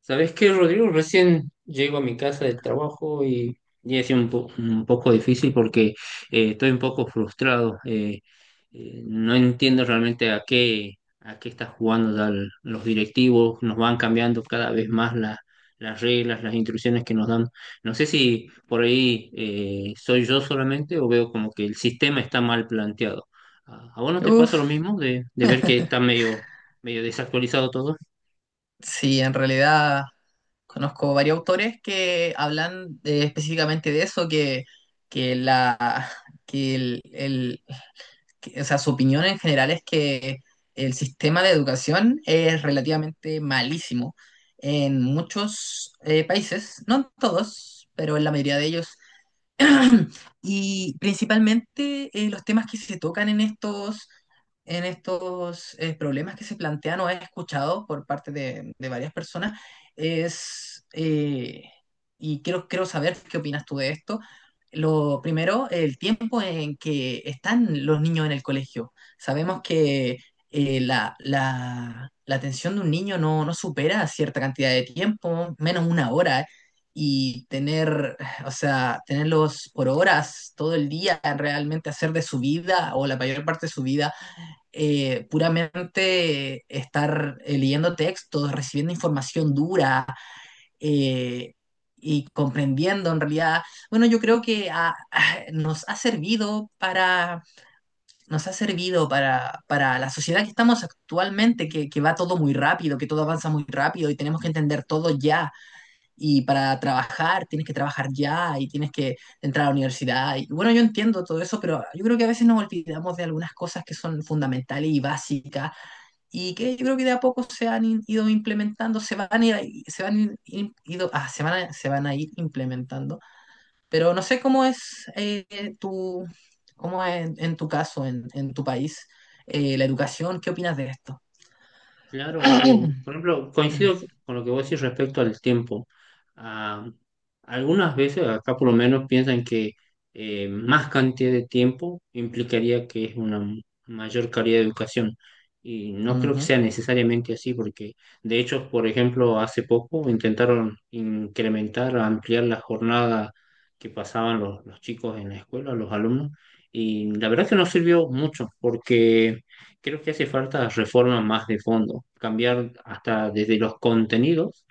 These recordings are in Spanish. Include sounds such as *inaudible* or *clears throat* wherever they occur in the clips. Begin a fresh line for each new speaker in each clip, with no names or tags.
¿Sabes qué, Rodrigo? Recién llego a mi casa del trabajo y ha sido un poco difícil porque estoy un poco frustrado. No entiendo realmente a qué están jugando ya los directivos. Nos van cambiando cada vez más las reglas, las instrucciones que nos dan. No sé si por ahí soy yo solamente o veo como que el sistema está mal planteado. ¿A vos no te
Uf,
pasa lo mismo de ver que está medio desactualizado todo?
sí, en realidad conozco varios autores que hablan específicamente de eso, que la que el- que- o sea, su opinión en general es que el sistema de educación es relativamente malísimo en muchos países, no en todos, pero en la mayoría de ellos. *clears throat* Y principalmente los temas que se tocan en estos problemas que se plantean o he escuchado por parte de varias personas es, eh, y quiero saber qué opinas tú de esto. Lo primero, el tiempo en que están los niños en el colegio. Sabemos que la atención de un niño no supera cierta cantidad de tiempo, menos una hora y tener, *sighs* o sea, tenerlos por horas, todo el día, realmente hacer de su vida o la mayor parte de su vida, puramente estar leyendo textos, recibiendo información dura eh, y comprendiendo en realidad. Bueno, yo creo que *sighs* nos ha servido para la sociedad que estamos actualmente, que va todo muy rápido, que todo avanza muy rápido y tenemos que entender todo ya y para trabajar tienes que trabajar ya y tienes que entrar a la universidad. Y bueno, yo entiendo todo eso, pero yo creo que a veces nos olvidamos de algunas cosas que son fundamentales y básicas y que yo creo que de a poco se han ido implementando, se van a ir, ahí- se van in- in- ido, ah, se van a ir implementando. Pero no sé tu, cómo es en tu caso, en tu país, la educación, ¿qué opinas de esto?
Claro,
*coughs*
por ejemplo,
*clears throat*
coincido con lo que vos decís respecto al tiempo. Ah, algunas veces, acá por lo menos, piensan que más cantidad de tiempo implicaría que es una mayor calidad de educación. Y no creo que
Ujú,
sea necesariamente así, porque de hecho, por ejemplo, hace poco intentaron incrementar, ampliar la jornada que pasaban los chicos en la escuela, los alumnos, y la verdad que no sirvió mucho, porque creo que hace falta reforma más de fondo, cambiar hasta desde los contenidos,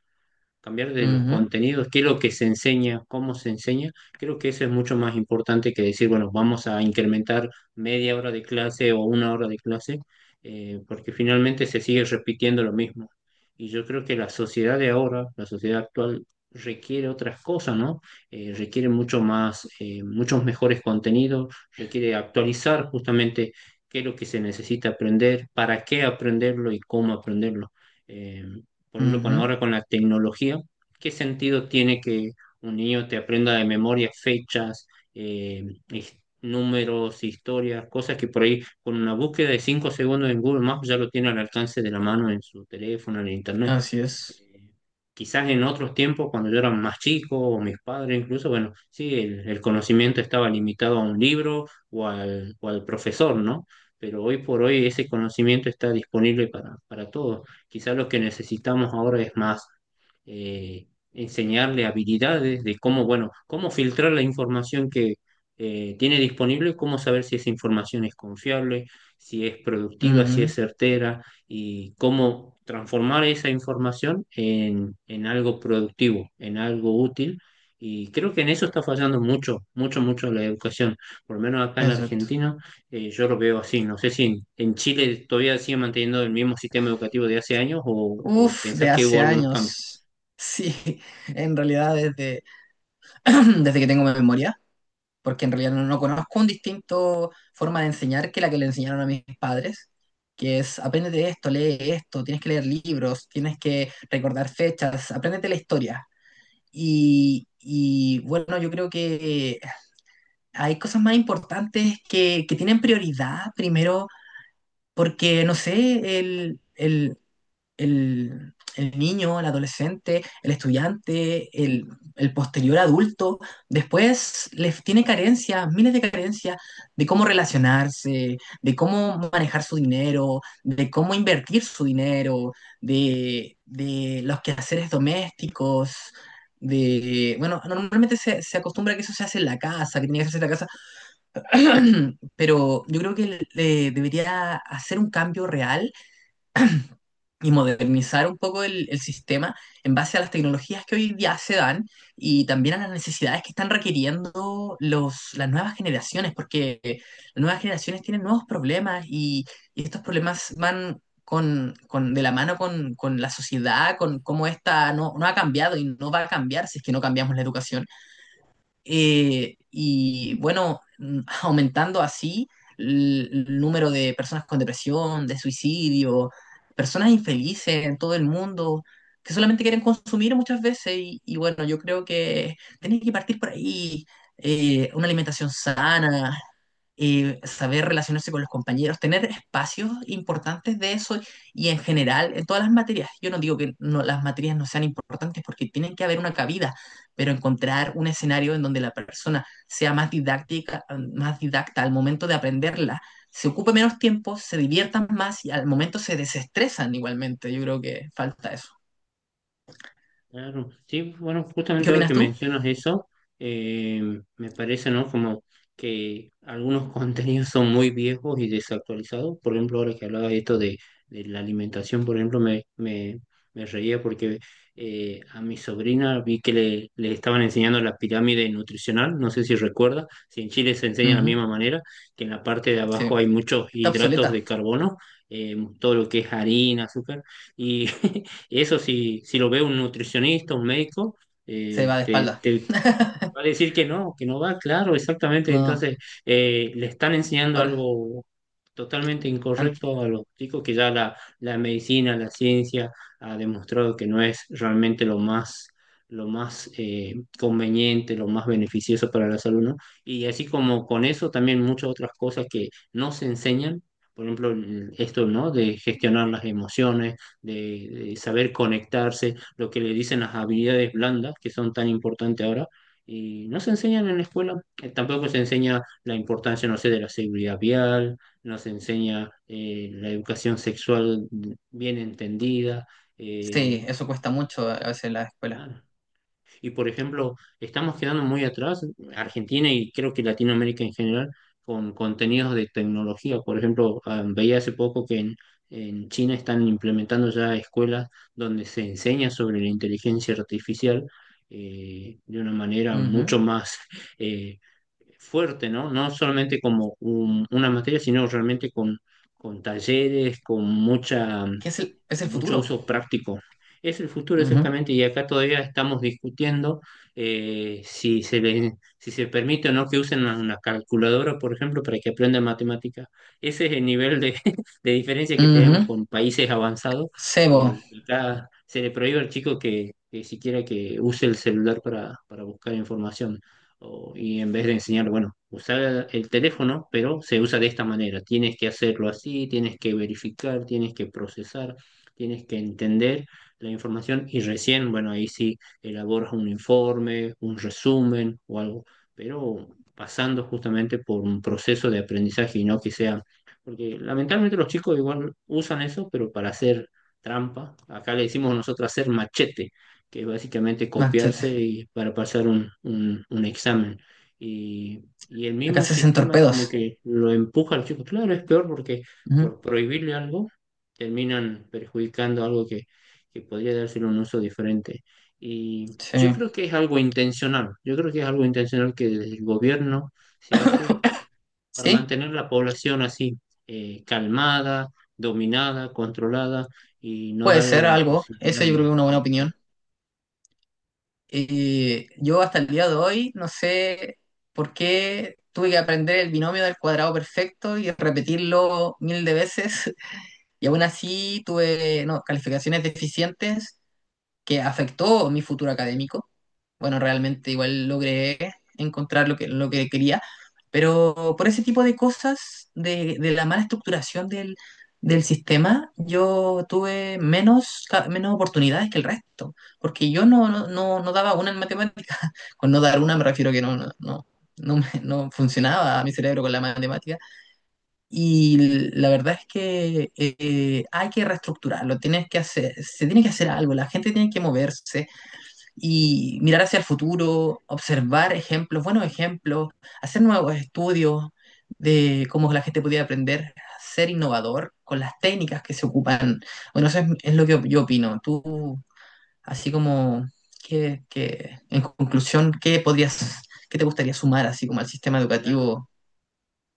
cambiar de los
ujú,
contenidos, qué es lo que se enseña, cómo se enseña. Creo que eso es mucho más importante que decir, bueno, vamos a incrementar media hora de clase o una hora de clase, porque finalmente se sigue repitiendo lo mismo. Y yo creo que la sociedad de ahora, la sociedad actual, requiere otras cosas, ¿no? Requiere mucho más, muchos mejores contenidos, requiere actualizar justamente qué es lo que se necesita aprender, para qué aprenderlo y cómo aprenderlo. Eh, por ejemplo, con
ujú,
ahora con la tecnología, ¿qué sentido tiene que un niño te aprenda de memoria fechas, eh, números, historias, cosas que por ahí con una búsqueda de 5 segundos en Google Maps ya lo tiene al alcance de la mano en su teléfono, en internet?
así es.
Eh, Quizás en otros tiempos, cuando yo era más chico, o mis padres incluso, bueno, sí, el conocimiento estaba limitado a un libro o al profesor, ¿no? Pero hoy por hoy ese conocimiento está disponible para todos. Quizás lo que necesitamos ahora es más eh, enseñarle habilidades de cómo, bueno, cómo filtrar la información que tiene disponible, cómo saber si esa información es confiable, si es productiva, si
Ujú.
es certera y cómo transformar esa información en algo productivo, en algo útil. Y creo que en eso está fallando mucho, mucho, mucho la educación. Por lo menos acá en
Exacto.
Argentina, yo lo veo así. No sé si en Chile todavía sigue manteniendo el mismo sistema educativo de hace años o
Uf, de
pensás que hubo
hace
algunos cambios.
años. *laughs* Sí, en realidad *clears throat* desde que tengo memoria, porque en realidad no conozco un distinto forma de enseñar que la que le enseñaron a mis padres, que es aprende de esto, lee esto, tienes que leer libros, tienes que recordar fechas, apréndete la historia. Bueno, yo creo que hay cosas más importantes que tienen prioridad primero, porque no sé, el niño, el adolescente, el estudiante, el posterior adulto, después les tiene carencias, miles de carencias de cómo relacionarse, de cómo manejar su dinero, de cómo invertir su dinero, de los quehaceres domésticos. De, bueno, normalmente se acostumbra que eso se hace en la casa, que tiene que hacerse en la casa, *clears throat* pero yo creo que le debería hacer un cambio real y modernizar un poco el sistema en base a las tecnologías que hoy día se dan y también a las necesidades que están requiriendo las nuevas generaciones, porque las nuevas generaciones tienen nuevos problemas y estos problemas de la mano con la sociedad, con cómo esta no ha cambiado y no va a cambiar si es que no cambiamos la educación. Y bueno, *laughs* aumentando así el número de personas con depresión, de suicidio, personas infelices en todo el mundo que solamente quieren consumir muchas veces. Y bueno, yo creo que tenés que partir por ahí. Una alimentación sana, saber relacionarse con los compañeros, tener espacios importantes de eso y en general en todas las materias. Yo no digo que no, las materias no sean importantes porque tienen que haber una cabida, pero encontrar un escenario en donde la persona sea más didáctica, más didacta al momento de aprenderla, se ocupe menos tiempo, se diviertan más y al momento se desestresan igualmente. Yo creo que falta eso.
Claro, sí, bueno,
¿Qué
justamente ahora que
opinas tú?
mencionas eso, me parece, ¿no? Como que algunos *laughs* contenidos son muy viejos y desactualizados. Por ejemplo, ahora que hablaba de esto, de la alimentación, por ejemplo, me reía porque a mi sobrina vi que le estaban enseñando la pirámide nutricional, no sé si recuerda, si en Chile se enseña de la
Ujú,
misma manera, que en la parte de
sí,
abajo hay muchos
está
hidratos
obsoleta,
de carbono, todo lo que es harina, azúcar, y *laughs* eso si lo ve un nutricionista, un médico,
se
eh,
va de
te,
espalda.
te, te va a decir que no va, claro, exactamente.
No,
Entonces, le están enseñando
ahora,
algo totalmente
an-
incorrecto a los chicos que ya la medicina, la ciencia ha demostrado que no es realmente lo más conveniente, lo más beneficioso para la salud, ¿no? Y así como con eso, también muchas otras cosas que no se enseñan. Por ejemplo, esto, ¿no? De gestionar las emociones, de saber conectarse, lo que le dicen las habilidades blandas, que son tan importantes ahora y no se enseñan en la escuela. Tampoco se enseña la importancia, no sé, de la seguridad vial, no se enseña la educación sexual bien entendida.
sí,
eh,
eso cuesta mucho a veces en la escuela.
Nada. Y por ejemplo, estamos quedando muy atrás, Argentina y creo que Latinoamérica en general, con contenidos de tecnología. Por ejemplo, ah, veía hace poco que en China están implementando ya escuelas donde se enseña sobre la inteligencia artificial de una manera
Ujú.
mucho más... *laughs* eh, fuerte, ¿no? No solamente como una materia, sino realmente con talleres, con mucha,
¿Qué es
con
el
mucho
futuro?
uso práctico. Es el futuro,
Ujú.
exactamente, y acá todavía estamos discutiendo eh, si se le- si se permite o no que usen una calculadora, por ejemplo, para que aprendan matemáticas. Ese es el nivel de, *laughs* de diferencia que tenemos
Ujú.
con países avanzados.
Sebo,
Acá se le prohíbe al chico que siquiera que use el celular para buscar información. Y en vez de enseñar, bueno, usar el teléfono, pero se usa de esta manera. Tienes que hacerlo así, tienes que verificar, tienes que procesar, tienes que entender la información y recién, bueno, ahí sí elaboras un informe, un resumen o algo, pero pasando justamente por un proceso de aprendizaje y no que sea, porque lamentablemente los chicos igual usan eso, pero para hacer trampa, acá le decimos nosotros hacer machete, que es básicamente
machete.
copiarse y para pasar un examen. Y el
Acá
mismo
se hacen
sistema es
torpedos.
como que lo empuja al chico. Claro, es peor porque
Ujú.
por prohibirle algo terminan perjudicando algo que podría dárselo un uso diferente. Y yo
Sí.
creo que es algo intencional, yo creo que es algo intencional que desde el gobierno se hace
*laughs*
para
Sí,
mantener la población así, calmada, dominada, controlada y no
puede
darle
ser
la
algo.
posibilidad
Eso yo creo que es una buena
de...
opinión. Y yo hasta el día de hoy no sé por qué tuve que aprender el binomio del cuadrado perfecto y repetirlo mil de veces. *laughs* Y aún así tuve no, calificaciones deficientes que afectó mi futuro académico. Bueno, realmente igual logré encontrar lo que quería, pero por ese tipo de cosas, de la mala estructuración del sistema, yo tuve menos, menos oportunidades que el resto, porque yo no daba una en matemática. *laughs* Con no dar una me refiero que no funcionaba mi cerebro con la matemática. Y la verdad es que hay que reestructurarlo, tienes que hacer, se tiene que hacer algo, la gente tiene que moverse y mirar hacia el futuro, observar ejemplos, buenos ejemplos, hacer nuevos estudios de cómo la gente podía aprender a ser innovador con las técnicas que se ocupan. Bueno, es lo que yo opino. Tú, así como, en conclusión, ¿qué podrías, qué te gustaría sumar así como al sistema educativo?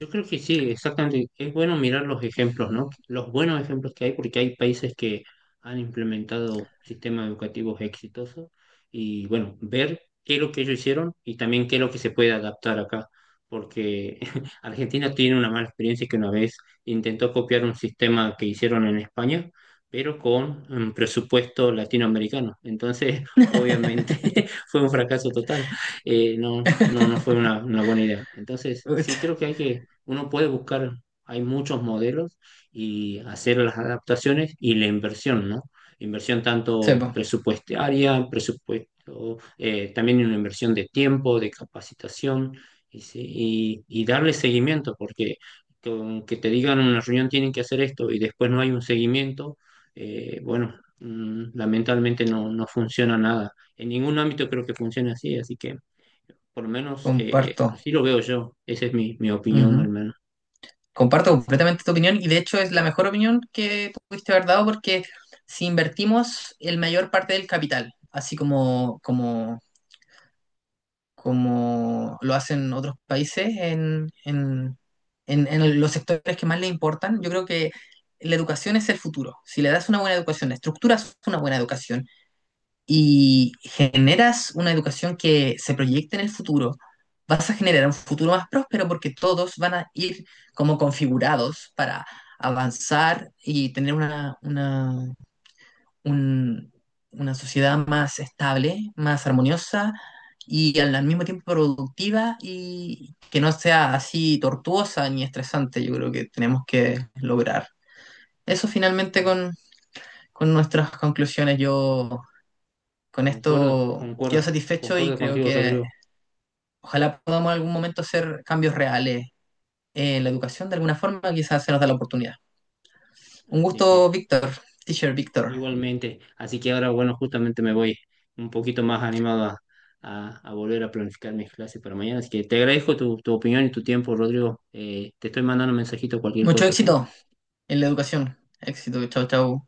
Yo creo que sí, exactamente. Es bueno mirar los ejemplos, ¿no? Los buenos ejemplos que hay, porque hay países que han implementado sistemas educativos exitosos y, bueno, ver qué es lo que ellos hicieron y también qué es lo que se puede adaptar acá, porque *laughs* Argentina tiene una mala experiencia que una vez intentó copiar un sistema que hicieron en España, pero con un presupuesto latinoamericano. Entonces, *laughs* obviamente,
*laughs*
*laughs* fue un fracaso total. No fue una buena idea. Entonces, sí
Uch,
creo que hay que, uno puede buscar, hay muchos modelos y hacer las adaptaciones y la inversión, ¿no? Inversión
sí,
tanto
po.
presupuestaria, presupuesto, también una inversión de tiempo, de capacitación y darle seguimiento, porque con que te digan en una reunión tienen que hacer esto y después no hay un seguimiento, bueno, lamentablemente no funciona nada. En ningún ámbito creo que funcione así, así que por lo menos
Comparto.
así lo veo yo. Esa es mi opinión al
Ujú.
menos.
Comparto
Así que
completamente tu opinión y de hecho es la mejor opinión que pudiste haber dado porque si invertimos el mayor parte del capital, como lo hacen otros países en los sectores que más le importan, yo creo que la educación es el futuro. Si le das una buena educación, estructuras una buena educación. Y generas una educación que se proyecte en el futuro, vas a generar un futuro más próspero porque todos van a ir como configurados para avanzar y tener un- una sociedad más estable, más armoniosa y al, al mismo tiempo productiva y que no sea así tortuosa ni estresante. Yo creo que tenemos que lograr eso finalmente
sí,
con nuestras conclusiones. Yo con
concuerdo,
esto quedo
concuerdo,
satisfecho y
concuerdo
creo
contigo,
que
Rodrigo.
ojalá podamos en algún momento hacer cambios reales en la educación de alguna forma, quizás se nos da la oportunidad. Un
Así
gusto,
que
Víctor, teacher Víctor.
igualmente, así que ahora, bueno, justamente me voy un poquito más animado a, a volver a planificar mis clases para mañana. Así que te agradezco tu opinión y tu tiempo, Rodrigo. Te estoy mandando un mensajito, cualquier
Mucho
cosa, ¿sí?
éxito en la educación. Éxito, chao, chao.